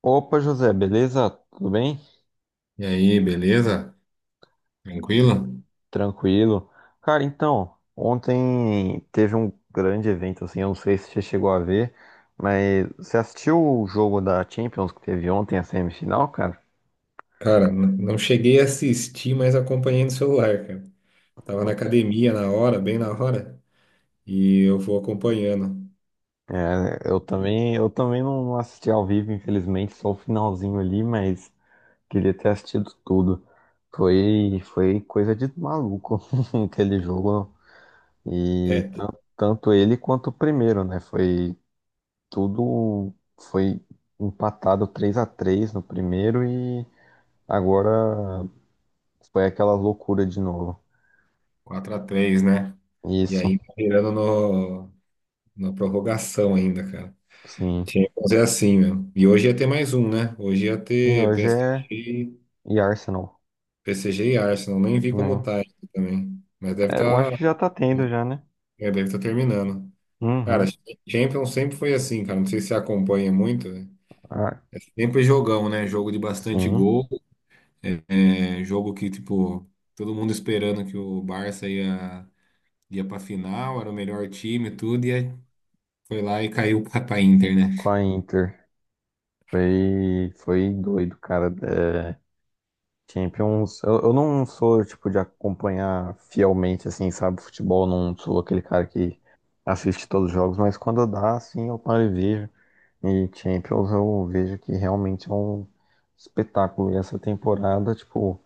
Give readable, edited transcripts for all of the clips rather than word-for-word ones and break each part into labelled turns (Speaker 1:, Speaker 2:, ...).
Speaker 1: Opa, José, beleza? Tudo bem?
Speaker 2: E aí, beleza? Tranquilo?
Speaker 1: Tranquilo? Cara, então, ontem teve um grande evento, assim, eu não sei se você chegou a ver, mas você assistiu o jogo da Champions que teve ontem, a semifinal, cara?
Speaker 2: Cara, não cheguei a assistir, mas acompanhei no celular, cara. Tava na academia na hora, bem na hora, e eu vou acompanhando.
Speaker 1: É, eu também não assisti ao vivo, infelizmente, só o finalzinho ali, mas queria ter assistido tudo. Foi coisa de maluco aquele jogo. E
Speaker 2: É,
Speaker 1: tan- Tanto ele quanto o primeiro, né? Tudo foi empatado 3 a 3 no primeiro e agora foi aquela loucura de novo.
Speaker 2: quatro a três, né? e
Speaker 1: Isso,
Speaker 2: aí tá virando no, na prorrogação ainda, cara.
Speaker 1: sim.
Speaker 2: Tinha que fazer assim, meu. E hoje ia ter mais um, né? Hoje ia
Speaker 1: E
Speaker 2: ter
Speaker 1: hoje é
Speaker 2: PSG,
Speaker 1: e Arsenal,
Speaker 2: PSG e Arsenal. Nem vi como
Speaker 1: né?
Speaker 2: tá ainda também. Mas
Speaker 1: É, eu acho que já tá tendo já, né?
Speaker 2: deve estar terminando. Cara,
Speaker 1: Uhum.
Speaker 2: Champions sempre foi assim, cara. Não sei se você acompanha muito, né?
Speaker 1: Ah,
Speaker 2: É sempre jogão, né? Jogo de bastante
Speaker 1: sim,
Speaker 2: gol. É, é, jogo que, tipo, todo mundo esperando que o Barça ia, ia pra final, era o melhor time, e tudo, e aí foi lá e caiu pra Inter, né?
Speaker 1: com a Inter. Foi doido, cara. É, Champions, eu não sou, tipo, de acompanhar fielmente, assim, sabe, futebol, não sou aquele cara que assiste todos os jogos, mas quando dá, assim, eu paro e vejo. E Champions eu vejo que realmente é um espetáculo. E essa temporada, tipo,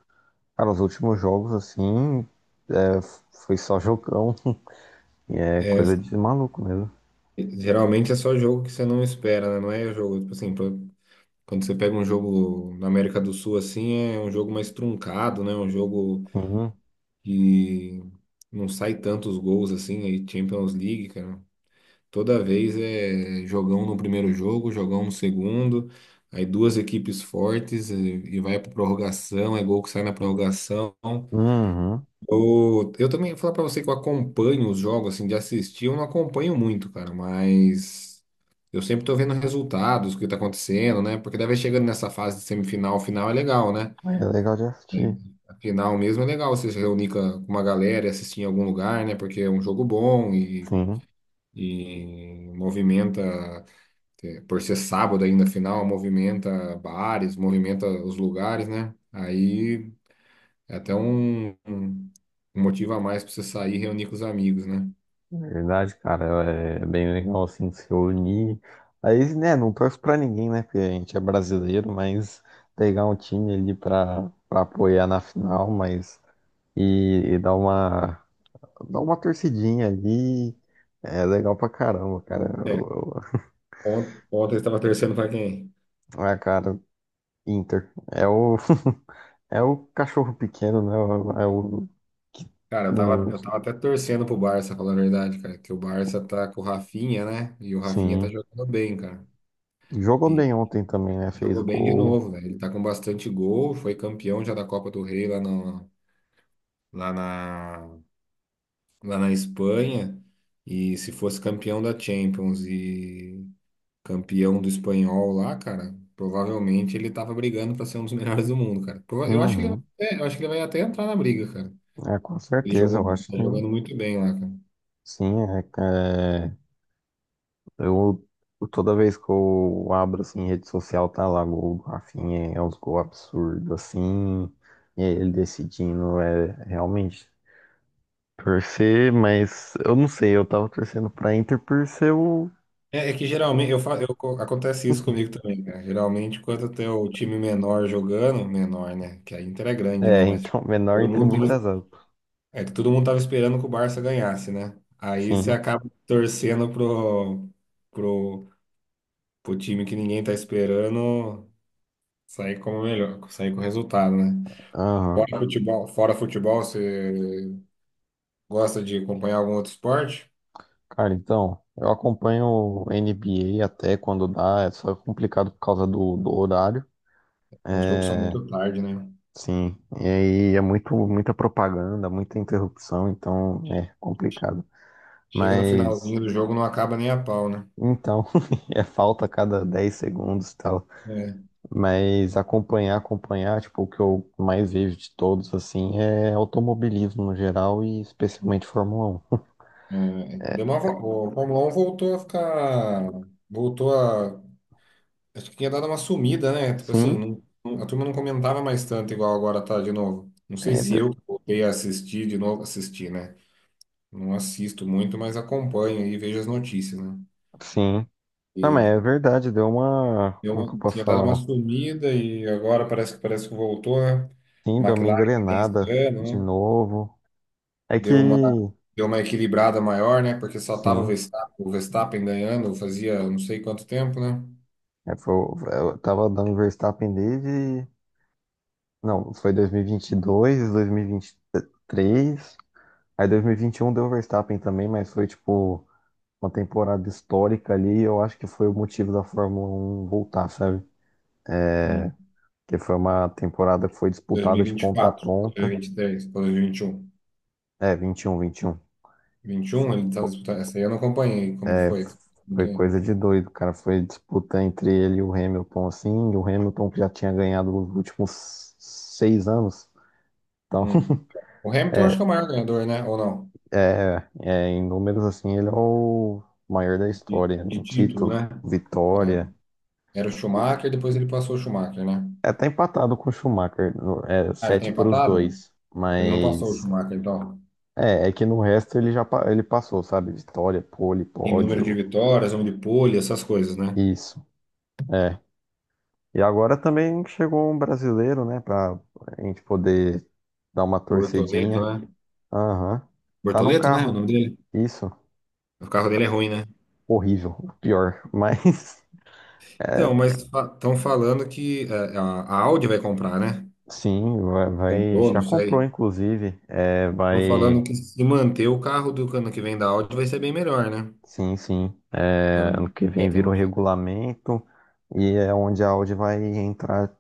Speaker 1: cara, os últimos jogos, assim, é, foi só jogão. E é
Speaker 2: É,
Speaker 1: coisa de maluco mesmo.
Speaker 2: geralmente é só jogo que você não espera, né? Não é jogo, tipo assim, quando você pega um jogo na América do Sul, assim, é um jogo mais truncado, né? Um jogo
Speaker 1: Sim.
Speaker 2: que não sai tantos gols, assim, aí Champions League, cara. Toda vez é jogão no primeiro jogo, jogão no segundo, aí duas equipes fortes e vai para prorrogação, é gol que sai na prorrogação.
Speaker 1: Uhum.
Speaker 2: Eu também vou falar para você que eu acompanho os jogos, assim, de assistir, eu não acompanho muito, cara, mas eu sempre tô vendo resultados, o que tá acontecendo, né? Porque daí vai chegando nessa fase de semifinal, final é legal, né?
Speaker 1: É legal de assistir.
Speaker 2: A final mesmo é legal você se reunir com uma galera e assistir em algum lugar, né? Porque é um jogo bom
Speaker 1: Sim.
Speaker 2: e movimenta. É, por ser sábado ainda, final, movimenta bares, movimenta os lugares, né? Aí é até um um motivo a mais para você sair e reunir com os amigos, né?
Speaker 1: Na verdade, cara, é bem legal assim se reunir. Aí, né, não torço pra ninguém, né? Porque a gente é brasileiro, mas pegar um time ali pra apoiar na final, mas e, e dar uma torcidinha ali é legal pra caramba, cara.
Speaker 2: É, ontem eu estava torcendo para quem?
Speaker 1: Ah, cara, Inter. É o, é o cachorro pequeno, né? É o é o que
Speaker 2: Cara,
Speaker 1: não.
Speaker 2: eu tava até torcendo pro Barça, falando a verdade, cara, que o Barça tá com o Rafinha, né? E o Rafinha tá
Speaker 1: Sim.
Speaker 2: jogando bem, cara.
Speaker 1: Jogou
Speaker 2: E
Speaker 1: bem ontem também, né? Fez
Speaker 2: jogou bem de
Speaker 1: gol.
Speaker 2: novo, né? Ele tá com bastante gol, foi campeão já da Copa do Rei lá, no, lá na lá na Espanha, e se fosse campeão da Champions e campeão do espanhol lá, cara, provavelmente ele tava brigando pra ser um dos melhores do mundo, cara. Eu acho que ele vai,
Speaker 1: Uhum.
Speaker 2: é, eu acho que ele vai até entrar na briga, cara.
Speaker 1: É, com
Speaker 2: Ele
Speaker 1: certeza,
Speaker 2: jogou,
Speaker 1: eu acho
Speaker 2: tá
Speaker 1: que.
Speaker 2: jogando muito bem lá, cara.
Speaker 1: Sim, eu toda vez que eu abro assim rede social tá lá gol do Rafinha, é uns gols absurdos assim, e ele decidindo é realmente torcer, mas eu não sei, eu tava torcendo pra Inter por ser o,
Speaker 2: É, é que geralmente eu,
Speaker 1: o-
Speaker 2: fa- eu co- acontece isso comigo também, cara. Geralmente quando tem o time menor jogando, menor, né? Que a Inter é grande, né?
Speaker 1: é,
Speaker 2: Mas
Speaker 1: então menor
Speaker 2: todo
Speaker 1: entre
Speaker 2: mundo tava,
Speaker 1: muitas aspas.
Speaker 2: é que todo mundo tava esperando que o Barça ganhasse, né? Aí você
Speaker 1: Sim.
Speaker 2: acaba torcendo pro pro time que ninguém tá esperando sair como melhor, sair com resultado, né?
Speaker 1: Aham.
Speaker 2: Fora futebol, você gosta de acompanhar algum outro esporte?
Speaker 1: Cara, então, eu acompanho o NBA até quando dá, é só complicado por causa do horário.
Speaker 2: Os jogos são
Speaker 1: É,
Speaker 2: muito tarde, né?
Speaker 1: sim, e aí é muito, muita propaganda, muita interrupção, então é complicado.
Speaker 2: Chega no
Speaker 1: Mas
Speaker 2: finalzinho do jogo, não acaba nem a pau, né?
Speaker 1: então, é falta a cada 10 segundos e tal.
Speaker 2: É.
Speaker 1: Mas acompanhar, tipo, o que eu mais vejo de todos, assim, é automobilismo no geral e especialmente Fórmula 1.
Speaker 2: Deu uma, o Fórmula 1 voltou a ficar. Voltou a. Acho que tinha dado uma sumida, né? Tipo assim,
Speaker 1: Sim,
Speaker 2: a turma não comentava mais tanto igual agora tá de novo. Não sei
Speaker 1: é,
Speaker 2: se eu
Speaker 1: de-
Speaker 2: que voltei a assistir de novo, assistir, né? Não assisto muito, mas acompanho e vejo as notícias, né?
Speaker 1: sim. Não, mas
Speaker 2: E
Speaker 1: é verdade, deu uma.
Speaker 2: deu
Speaker 1: Como
Speaker 2: uma,
Speaker 1: que eu posso
Speaker 2: tinha dado uma
Speaker 1: falar?
Speaker 2: sumida e agora parece que voltou, né?
Speaker 1: Sim, deu uma
Speaker 2: McLaren também esse
Speaker 1: engrenada
Speaker 2: ano,
Speaker 1: de
Speaker 2: né?
Speaker 1: novo. É que,
Speaker 2: Deu uma, deu uma equilibrada maior, né? Porque só tava
Speaker 1: sim.
Speaker 2: O Verstappen ganhando fazia não sei quanto tempo, né?
Speaker 1: É, foi, eu tava dando Verstappen desde. Não, foi 2022, 2023. Aí 2021 deu Verstappen também, mas foi tipo uma temporada histórica ali. Eu acho que foi o motivo da Fórmula um voltar, sabe?
Speaker 2: Hum.
Speaker 1: Que foi uma temporada que foi disputada de ponta a
Speaker 2: 2024,
Speaker 1: ponta.
Speaker 2: 2023, 2021.
Speaker 1: É, 21, 21.
Speaker 2: 21, ele estava disputando. Essa aí eu não acompanhei. Como que
Speaker 1: É,
Speaker 2: foi? Como
Speaker 1: foi
Speaker 2: que-
Speaker 1: coisa de doido, cara. Foi disputa entre ele e o Hamilton, assim. E o Hamilton que já tinha ganhado os últimos 6 anos. Então,
Speaker 2: Hum. O Hamilton acho que é o maior ganhador, né? Ou não?
Speaker 1: é, é, em números, assim, ele é o maior da história, em
Speaker 2: De título,
Speaker 1: título,
Speaker 2: né? É.
Speaker 1: vitória.
Speaker 2: Era o Schumacher, depois ele passou o Schumacher, né?
Speaker 1: É até empatado com o Schumacher, é,
Speaker 2: Ah, ele tá
Speaker 1: 7 para os
Speaker 2: empatado?
Speaker 1: dois,
Speaker 2: Ele não passou o
Speaker 1: mas
Speaker 2: Schumacher, então.
Speaker 1: é, é que no resto ele já ele passou, sabe? Vitória, pole,
Speaker 2: Em número de
Speaker 1: pódio,
Speaker 2: vitórias, número de pole, essas coisas, né?
Speaker 1: isso, é. E agora também chegou um brasileiro, né, pra a gente poder dar uma
Speaker 2: Bortoleto,
Speaker 1: torcedinha.
Speaker 2: né?
Speaker 1: Aham, tá num
Speaker 2: Bortoleto, né? O
Speaker 1: carro,
Speaker 2: nome dele?
Speaker 1: isso,
Speaker 2: O carro dele é ruim, né?
Speaker 1: horrível, pior, mas
Speaker 2: Então, mas estão falando que é, a Audi vai comprar, né?
Speaker 1: sim,
Speaker 2: Comprou, não
Speaker 1: já comprou,
Speaker 2: sei.
Speaker 1: inclusive. É,
Speaker 2: Estão
Speaker 1: vai,
Speaker 2: falando que se manter o carro do ano que vem da Audi vai ser bem melhor, né?
Speaker 1: sim, sim. É,
Speaker 2: Agora,
Speaker 1: ano que
Speaker 2: é,
Speaker 1: vem
Speaker 2: tem
Speaker 1: vira o
Speaker 2: uma...
Speaker 1: regulamento e é onde a Audi vai entrar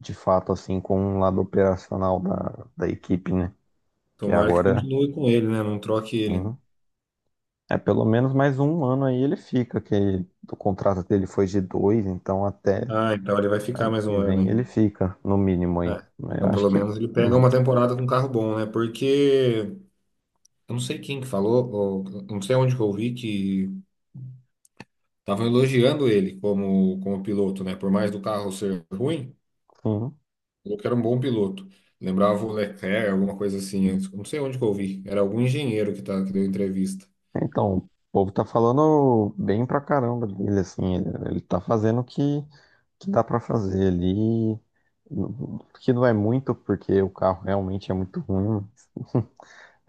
Speaker 1: de fato, assim, com o lado operacional da equipe, né? Que
Speaker 2: Tomara que
Speaker 1: agora,
Speaker 2: continue com ele, né? Não troque ele.
Speaker 1: sim, é pelo menos mais um ano aí ele fica, que o contrato dele foi de dois, então até
Speaker 2: Ah, então ele vai ficar
Speaker 1: ano
Speaker 2: mais um
Speaker 1: que vem ele
Speaker 2: ano
Speaker 1: fica, no mínimo
Speaker 2: aí.
Speaker 1: aí.
Speaker 2: É.
Speaker 1: Mas eu
Speaker 2: Então,
Speaker 1: acho
Speaker 2: pelo
Speaker 1: que
Speaker 2: menos ele
Speaker 1: é
Speaker 2: pega
Speaker 1: mais,
Speaker 2: uma temporada com um carro bom, né? Porque eu não sei quem que falou, ou, eu não sei onde que eu ouvi que estavam elogiando ele como, como piloto, né? Por mais do carro ser ruim,
Speaker 1: sim.
Speaker 2: falou que era um bom piloto. Lembrava o Leclerc, alguma coisa assim. Eu não sei onde que eu ouvi. Era algum engenheiro que, tá, que deu entrevista.
Speaker 1: Então, o povo tá falando bem pra caramba dele, assim, ele tá fazendo o que, que dá pra fazer ali, que não é muito, porque o carro realmente é muito ruim.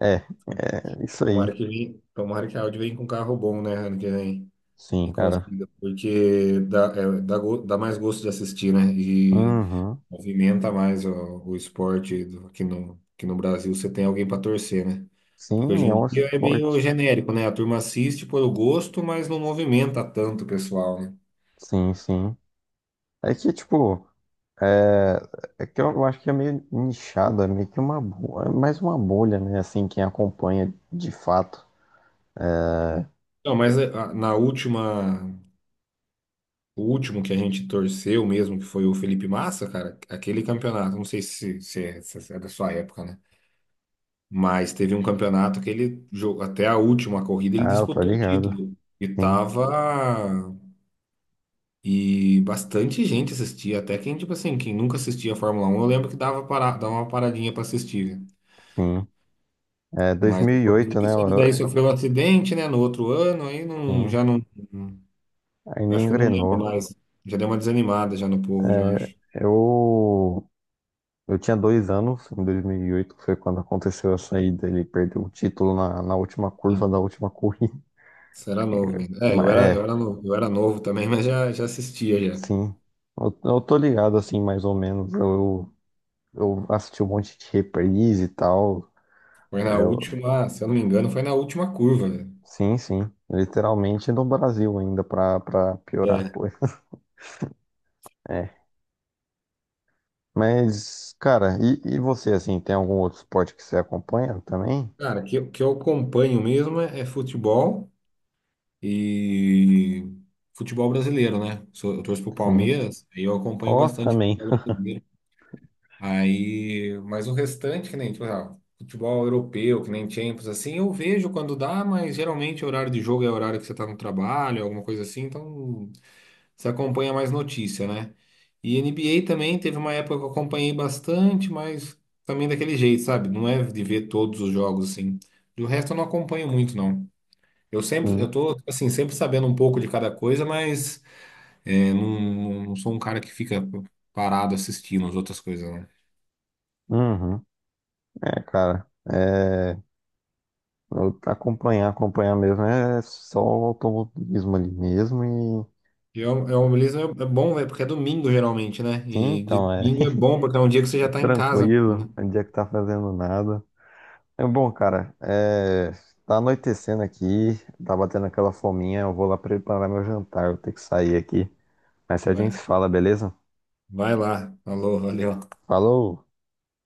Speaker 1: É, é isso aí,
Speaker 2: Tomara que a Audi venha com um carro bom, né, ano que vem. E
Speaker 1: sim, cara.
Speaker 2: consiga, porque dá, é, dá, dá mais gosto de assistir, né? E
Speaker 1: Uhum.
Speaker 2: movimenta mais o esporte aqui no Brasil, você tem alguém para torcer, né? Porque hoje
Speaker 1: Sim, é
Speaker 2: em
Speaker 1: um
Speaker 2: dia é meio
Speaker 1: esporte,
Speaker 2: genérico, né? A turma assiste por gosto, mas não movimenta tanto o pessoal, né?
Speaker 1: sim, sim. É que, tipo, é, é que eu acho que é meio nichado, é meio que uma, é mais uma bolha, né, assim, quem acompanha de fato.
Speaker 2: Não, mas na última, o último que a gente torceu mesmo, que foi o Felipe Massa, cara, aquele campeonato, não sei se é da sua época, né? Mas teve um campeonato que ele, até a última corrida, ele
Speaker 1: Ah, eu tô
Speaker 2: disputou o
Speaker 1: ligado,
Speaker 2: título. E
Speaker 1: sim,
Speaker 2: tava, e bastante gente assistia, até quem, tipo assim, quem nunca assistia a Fórmula Um, eu lembro que dava, para, dava uma paradinha para assistir.
Speaker 1: sim. É,
Speaker 2: Mas depois
Speaker 1: 2008, né?
Speaker 2: disso, ele daí sofreu um acidente, né, no outro ano, aí não,
Speaker 1: Sim,
Speaker 2: já não, não-
Speaker 1: ainda
Speaker 2: acho que eu não
Speaker 1: engrenou.
Speaker 2: lembro mais. Já deu uma desanimada já no povo, já
Speaker 1: É,
Speaker 2: acho.
Speaker 1: eu tinha 2 anos em 2008, que foi quando aconteceu a saída. Ele perdeu o título na última curva
Speaker 2: Ah,
Speaker 1: da última corrida.
Speaker 2: você era novo ainda. É,
Speaker 1: Mas, é,
Speaker 2: eu era novo também, mas já, já assistia já.
Speaker 1: sim. Eu tô ligado, assim, mais ou menos. Eu assisti um monte de reprise e tal.
Speaker 2: Foi na
Speaker 1: É, eu-
Speaker 2: última, se eu não me engano, foi na última curva, velho.
Speaker 1: sim, sim. Literalmente no Brasil ainda, pra piorar a
Speaker 2: É.
Speaker 1: coisa. É. Mas, cara, e você, assim, tem algum outro esporte que você acompanha também?
Speaker 2: Cara, que, que eu acompanho mesmo é, é futebol. E futebol brasileiro, né? Eu torço pro
Speaker 1: Sim.
Speaker 2: Palmeiras, aí eu acompanho
Speaker 1: Ó,
Speaker 2: bastante
Speaker 1: também.
Speaker 2: futebol brasileiro. Aí, mas o restante, que nem, tipo, ah, futebol europeu, que nem Champions, assim, eu vejo quando dá, mas geralmente o horário de jogo é o horário que você tá no trabalho, alguma coisa assim, então você acompanha mais notícia, né? E NBA também teve uma época que eu acompanhei bastante, mas também daquele jeito, sabe? Não é de ver todos os jogos, assim. Do resto eu não acompanho muito, não. Eu sempre, eu
Speaker 1: Sim.
Speaker 2: tô, assim, sempre sabendo um pouco de cada coisa, mas é, não, não sou um cara que fica parado assistindo as outras coisas, não.
Speaker 1: Uhum. É, cara. Acompanhar, acompanhar mesmo é só o automobilismo ali mesmo e.
Speaker 2: E é, é um beleza, é bom, velho, porque é domingo geralmente, né?
Speaker 1: Sim,
Speaker 2: E de
Speaker 1: então é
Speaker 2: domingo é bom, porque é um dia que você já tá em casa,
Speaker 1: tranquilo,
Speaker 2: né?
Speaker 1: não dia que tá fazendo nada. É bom, cara. É, tá anoitecendo aqui, tá batendo aquela fominha. Eu vou lá preparar meu jantar, eu vou ter que sair aqui. Mas se a
Speaker 2: Vai,
Speaker 1: gente se fala, beleza?
Speaker 2: vai lá. Alô, valeu.
Speaker 1: Falou!